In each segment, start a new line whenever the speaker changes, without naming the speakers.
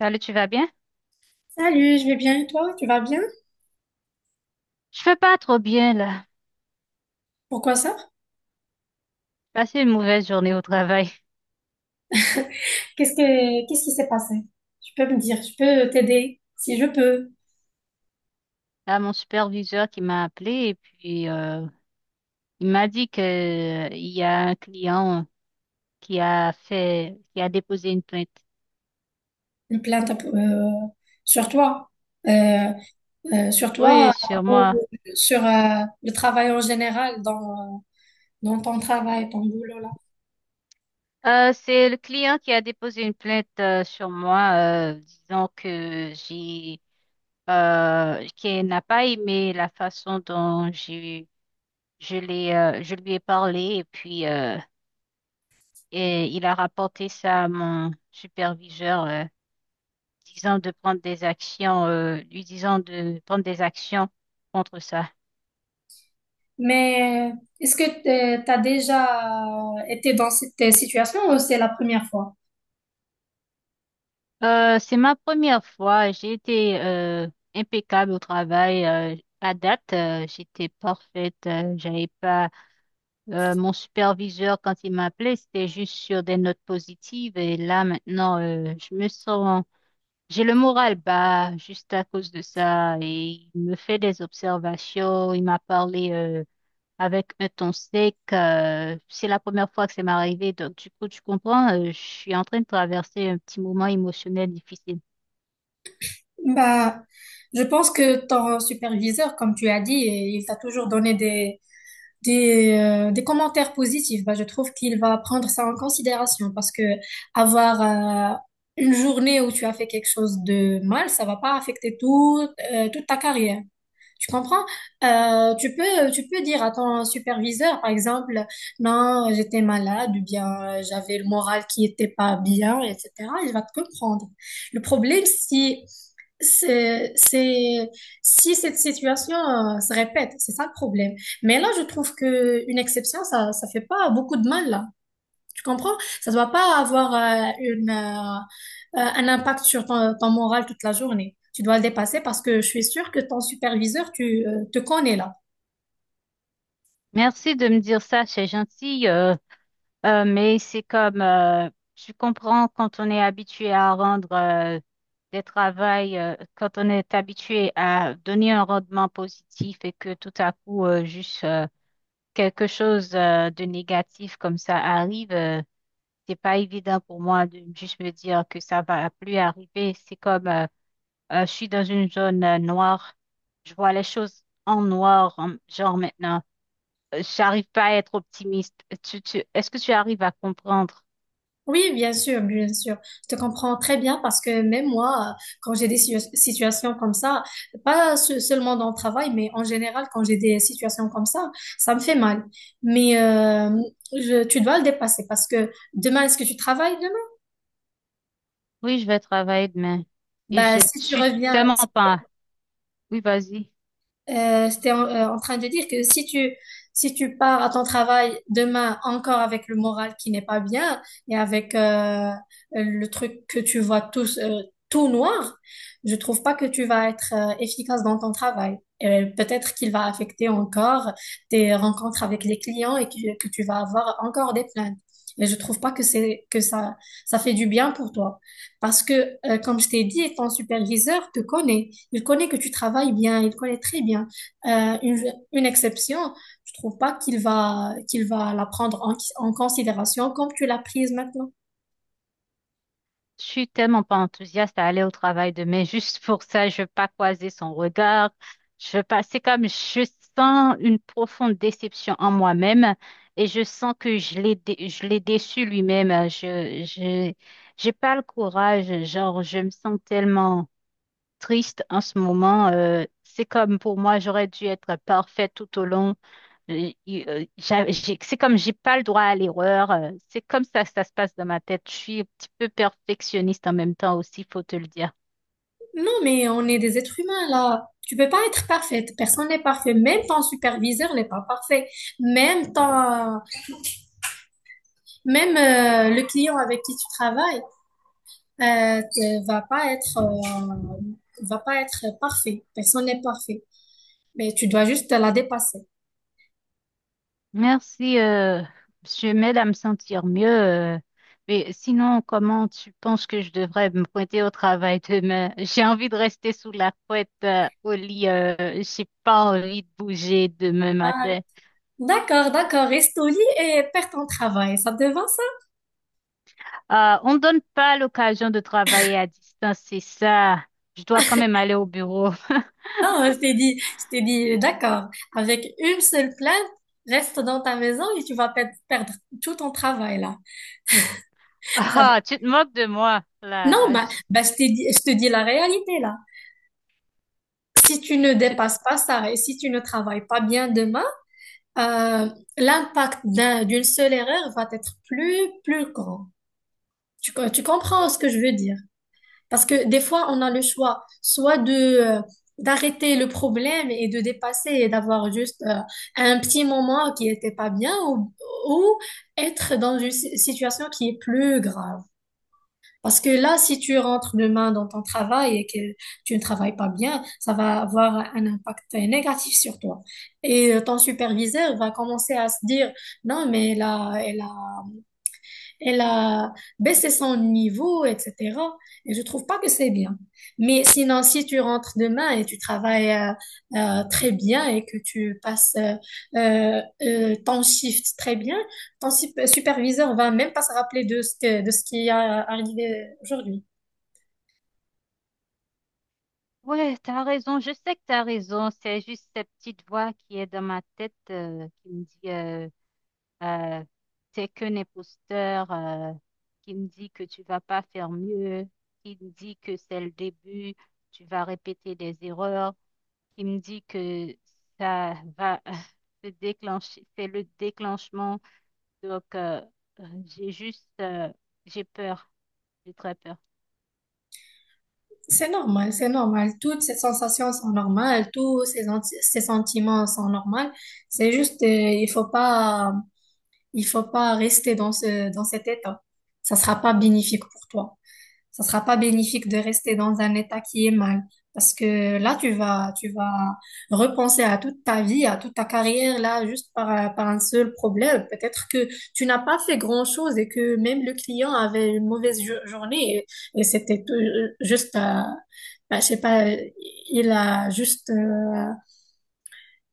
Salut, tu vas bien?
Salut, je vais bien et toi? Tu vas bien?
Je vais pas trop bien là.
Pourquoi ça?
J'ai passé une mauvaise journée au travail.
Qu'est-ce qui s'est passé? Tu peux me dire, je peux t'aider si je peux.
Là, mon superviseur qui m'a appelé et puis il m'a dit que il y a un client qui a déposé une plainte.
Une plainte sur toi, Euh, sur toi
Oui, sur moi.
ou sur le travail en général dans dans ton travail, ton boulot là.
C'est le client qui a déposé une plainte sur moi, euh, disant que j'ai, qu'il n'a pas aimé la façon dont j'ai, je l'ai, je lui ai parlé et puis et il a rapporté ça à mon superviseur, disant de prendre des actions, lui disant de prendre des actions contre ça.
Mais est-ce que tu as déjà été dans cette situation ou c'est la première fois?
C'est ma première fois. J'ai été impeccable au travail. À date, j'étais parfaite. J'avais pas Mon superviseur quand il m'appelait, c'était juste sur des notes positives. Et là maintenant, je me sens j'ai le moral bas juste à cause de ça et il me fait des observations. Il m'a parlé avec un ton sec. C'est la première fois que ça m'est arrivé. Donc, du coup, tu comprends, je suis en train de traverser un petit moment émotionnel difficile.
Bah, je pense que ton superviseur, comme tu as dit, il t'a toujours donné des, des commentaires positifs. Bah, je trouve qu'il va prendre ça en considération parce que avoir une journée où tu as fait quelque chose de mal, ça va pas affecter toute ta carrière. Tu comprends? Tu peux dire à ton superviseur, par exemple, non, j'étais malade ou bien j'avais le moral qui était pas bien, etc. Il va te comprendre. Le problème, si c'est, c'est- si cette situation se répète, c'est ça le problème. Mais là, je trouve que une exception, ça fait pas beaucoup de mal là. Tu comprends? Ça ne doit pas avoir un impact sur ton moral toute la journée. Tu dois le dépasser parce que je suis sûre que ton superviseur, tu te connais là.
Merci de me dire ça, c'est gentil, mais c'est comme, tu comprends, quand on est habitué à rendre quand on est habitué à donner un rendement positif et que tout à coup, juste quelque chose de négatif comme ça arrive. C'est pas évident pour moi de juste me dire que ça va plus arriver. C'est comme Je suis dans une zone noire, je vois les choses en noir, genre maintenant, j'arrive pas à être optimiste. Est-ce que tu arrives à comprendre?
Oui, bien sûr, bien sûr. Je te comprends très bien parce que même moi, quand j'ai des situations comme ça, pas seulement dans le travail, mais en général, quand j'ai des situations comme ça me fait mal. Mais tu dois le dépasser parce que demain, est-ce que tu travailles demain?
Oui, je vais travailler demain et
Bah,
je
si tu
suis
reviens,
tellement pas. Oui, vas-y.
J'étais en train de dire que si tu pars à ton travail demain encore avec le moral qui n'est pas bien et avec le truc que tu vois tout noir, je trouve pas que tu vas être efficace dans ton travail. Et peut-être qu'il va affecter encore tes rencontres avec les clients et que tu vas avoir encore des plaintes. Et je trouve pas que ça ça fait du bien pour toi parce que comme je t'ai dit, ton superviseur te connaît. Il connaît que tu travailles bien, il connaît très bien. Euh, une, une exception, je trouve pas qu'il va la prendre en considération comme tu l'as prise maintenant.
Je suis tellement pas enthousiaste à aller au travail demain. Juste pour ça, je veux pas croiser son regard. Je veux pas. C'est comme je sens une profonde déception en moi-même et je sens que je l'ai déçu lui-même. Je J'ai pas le courage. Genre, je me sens tellement triste en ce moment. C'est comme pour moi, j'aurais dû être parfaite tout au long. C'est comme j'ai pas le droit à l'erreur. C'est comme ça que ça se passe dans ma tête. Je suis un petit peu perfectionniste en même temps aussi, faut te le dire.
Non, mais on est des êtres humains là. Tu peux pas être parfaite. Personne n'est parfait. Même ton superviseur n'est pas parfait. Même ton, même le client avec qui tu travailles euh, te- va pas être euh, va pas être parfait. Personne n'est parfait. Mais tu dois juste la dépasser.
Merci, monsieur, m'aide à me sentir mieux. Mais sinon, comment tu penses que je devrais me pointer au travail demain? J'ai envie de rester sous la couette, au lit. J'ai pas envie de bouger demain
Ah,
matin.
D'accord, d'accord. Reste au lit et perds ton travail. Ça te va, ça?
On ne donne pas l'occasion de travailler à distance, c'est ça. Je dois quand même aller au bureau.
Non, je t'ai dit, d'accord. Avec une seule plainte, reste dans ta maison et tu vas perdre tout ton travail, là. Ça va-
Ah, tu te moques de moi,
Non,
là.
je t'ai dit, je te dis la réalité, là. Si tu ne
Tu-
dépasses pas ça et si tu ne travailles pas bien demain, euh, l'impact d'une seule erreur va être plus grand. Tu comprends ce que je veux dire? Parce que des fois, on a le choix soit de d'arrêter le problème et de dépasser et d'avoir juste un petit moment qui était pas bien ou être dans une situation qui est plus grave. Parce que là, si tu rentres demain dans ton travail et que tu ne travailles pas bien, ça va avoir un impact négatif sur toi. Et ton superviseur va commencer à se dire, non, mais là, elle a baissé son niveau, etc. Et je trouve pas que c'est bien. Mais sinon, si tu rentres demain et tu travailles très bien et que tu passes ton shift très bien, ton superviseur va même pas se rappeler de ce qui a arrivé aujourd'hui.
Ouais, t'as raison. Je sais que t'as raison. C'est juste cette petite voix qui est dans ma tête, qui me dit, euh, t'es qu'un imposteur, qui me dit que tu vas pas faire mieux, qui me dit que c'est le début, tu vas répéter des erreurs. Il me dit que ça va se déclencher, c'est le déclenchement. Donc, j'ai juste, j'ai peur, j'ai très peur.
C'est normal, c'est normal. Toutes ces sensations sont normales, ces sentiments sont normaux. C'est juste, il faut pas rester dans dans cet état. Ça sera pas bénéfique pour toi. Ça sera pas bénéfique de rester dans un état qui est mal. Parce que là, tu vas repenser à toute ta vie, à toute ta carrière, là, juste par un seul problème. Peut-être que tu n'as pas fait grand-chose et que même le client avait une mauvaise journée et c'était je sais pas, il a juste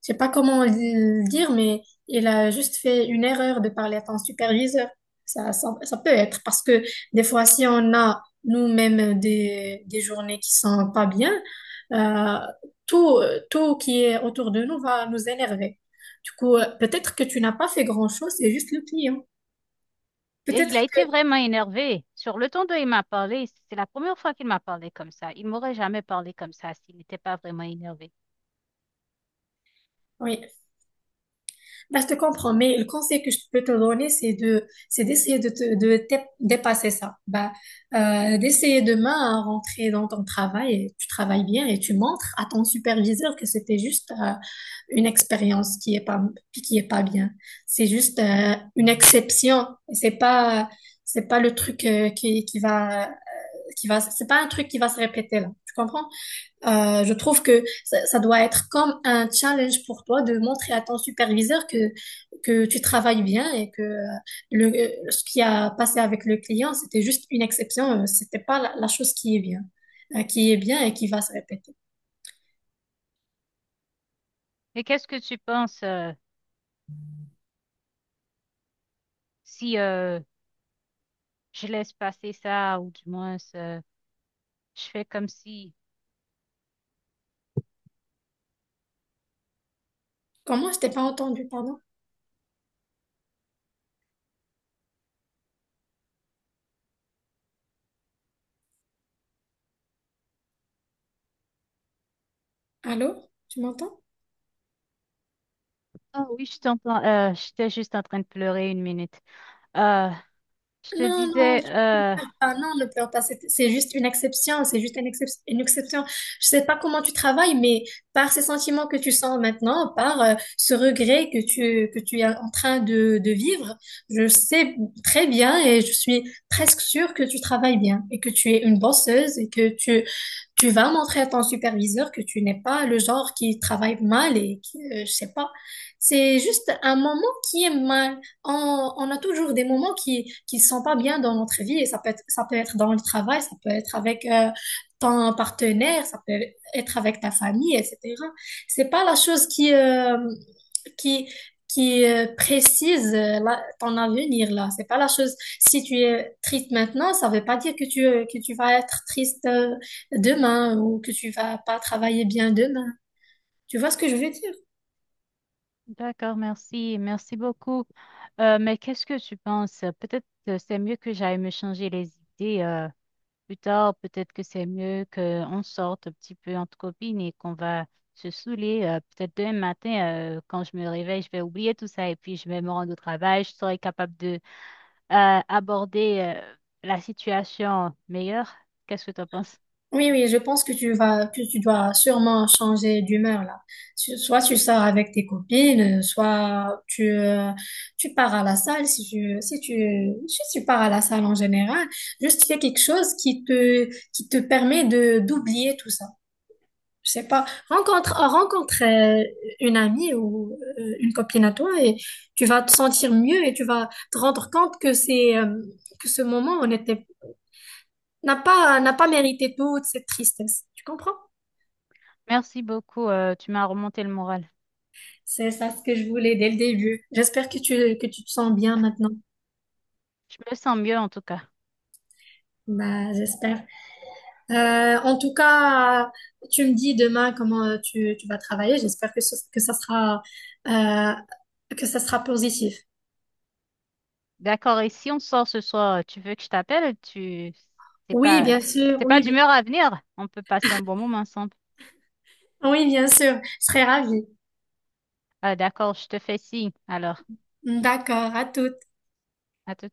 je sais pas comment le dire, mais il a juste fait une erreur de parler à ton superviseur. Ça peut être parce que des fois, si on a nous-mêmes des journées qui sont pas bien, euh, tout, tout qui est autour de nous va nous énerver. Du coup, peut-être que tu n'as pas fait grand-chose, c'est juste le client.
Et il a
Peut-être
été
que,
vraiment énervé. Sur le ton dont il m'a parlé, c'est la première fois qu'il m'a parlé comme ça. Il m'aurait jamais parlé comme ça s'il n'était pas vraiment énervé.
oui. Bah, je te comprends, mais le conseil que je peux te donner, c'est c'est d'essayer de te dépasser ça. Bah, d'essayer demain à rentrer dans ton travail et tu travailles bien et tu montres à ton superviseur que c'était juste une expérience qui est pas bien. C'est juste une exception. C'est pas, c'est pas le truc qui va, c'est pas un truc qui va se répéter là. Tu comprends? Je trouve que ça doit être comme un challenge pour toi de montrer à ton superviseur que tu travailles bien et que ce qui a passé avec le client, c'était juste une exception, c'était pas la chose qui est bien et qui va se répéter.
Et qu'est-ce que tu penses si je laisse passer ça ou du moins je fais comme si...
Comment? Je t'ai pas entendu, pardon. Allô? Tu m'entends?
Ah oui, je t'entends. J'étais juste en train de pleurer une minute. Euh, je te
Non, non,
disais...
Ah non, ne pleure pas, c'est juste une exception, c'est juste une exception. Je sais pas comment tu travailles, mais par ces sentiments que tu sens maintenant, par ce regret que tu es en train de vivre, je sais très bien et je suis presque sûre que tu travailles bien et que tu es une bosseuse et que tu vas montrer à ton superviseur que tu n'es pas le genre qui travaille mal et qui, je sais pas. C'est juste un moment qui est mal. On a toujours des moments qui sont pas bien dans notre vie et ça peut être dans le travail, ça peut être avec ton partenaire, ça peut être avec ta famille, etc. C'est pas la chose qui qui, précise ton avenir là. C'est pas la chose. Si tu es triste maintenant, ça veut pas dire que que tu vas être triste demain ou que tu vas pas travailler bien demain. Tu vois ce que je veux dire?
D'accord, merci. Merci beaucoup. Mais qu'est-ce que tu penses? Peut-être que c'est mieux que j'aille me changer les idées plus tard. Peut-être que c'est mieux qu'on sorte un petit peu entre copines et qu'on va se saouler. Peut-être demain matin, quand je me réveille, je vais oublier tout ça et puis je vais me rendre au travail. Je serai capable de aborder la situation meilleure. Qu'est-ce que tu en penses?
Oui, oui, je pense que que tu dois sûrement changer d'humeur là. Soit tu sors avec tes copines, soit tu pars à la salle si tu pars à la salle en général. Juste fais quelque chose qui te permet d'oublier tout ça. Je sais pas, rencontre une amie ou une copine à toi et tu vas te sentir mieux et tu vas te rendre compte que c'est que ce moment on était n'a pas mérité toute cette tristesse. Tu comprends?
Merci beaucoup. Tu m'as remonté le moral.
C'est ça ce que je voulais dès le début. J'espère que tu te sens bien maintenant.
Je me sens mieux en tout cas.
Bah, j'espère. En tout cas, tu me dis demain comment tu vas travailler. J'espère euh, que ça sera positif.
D'accord, et si on sort ce soir, tu veux que je t'appelle? C'est
Oui,
pas...
bien sûr.
C'est pas
Oui, bien.
d'humeur à venir. On peut passer un bon moment ensemble.
Oui, bien sûr, je serais ravie.
Ah, d'accord, je te fais signe. Alors,
D'accord, à toutes.
à tout.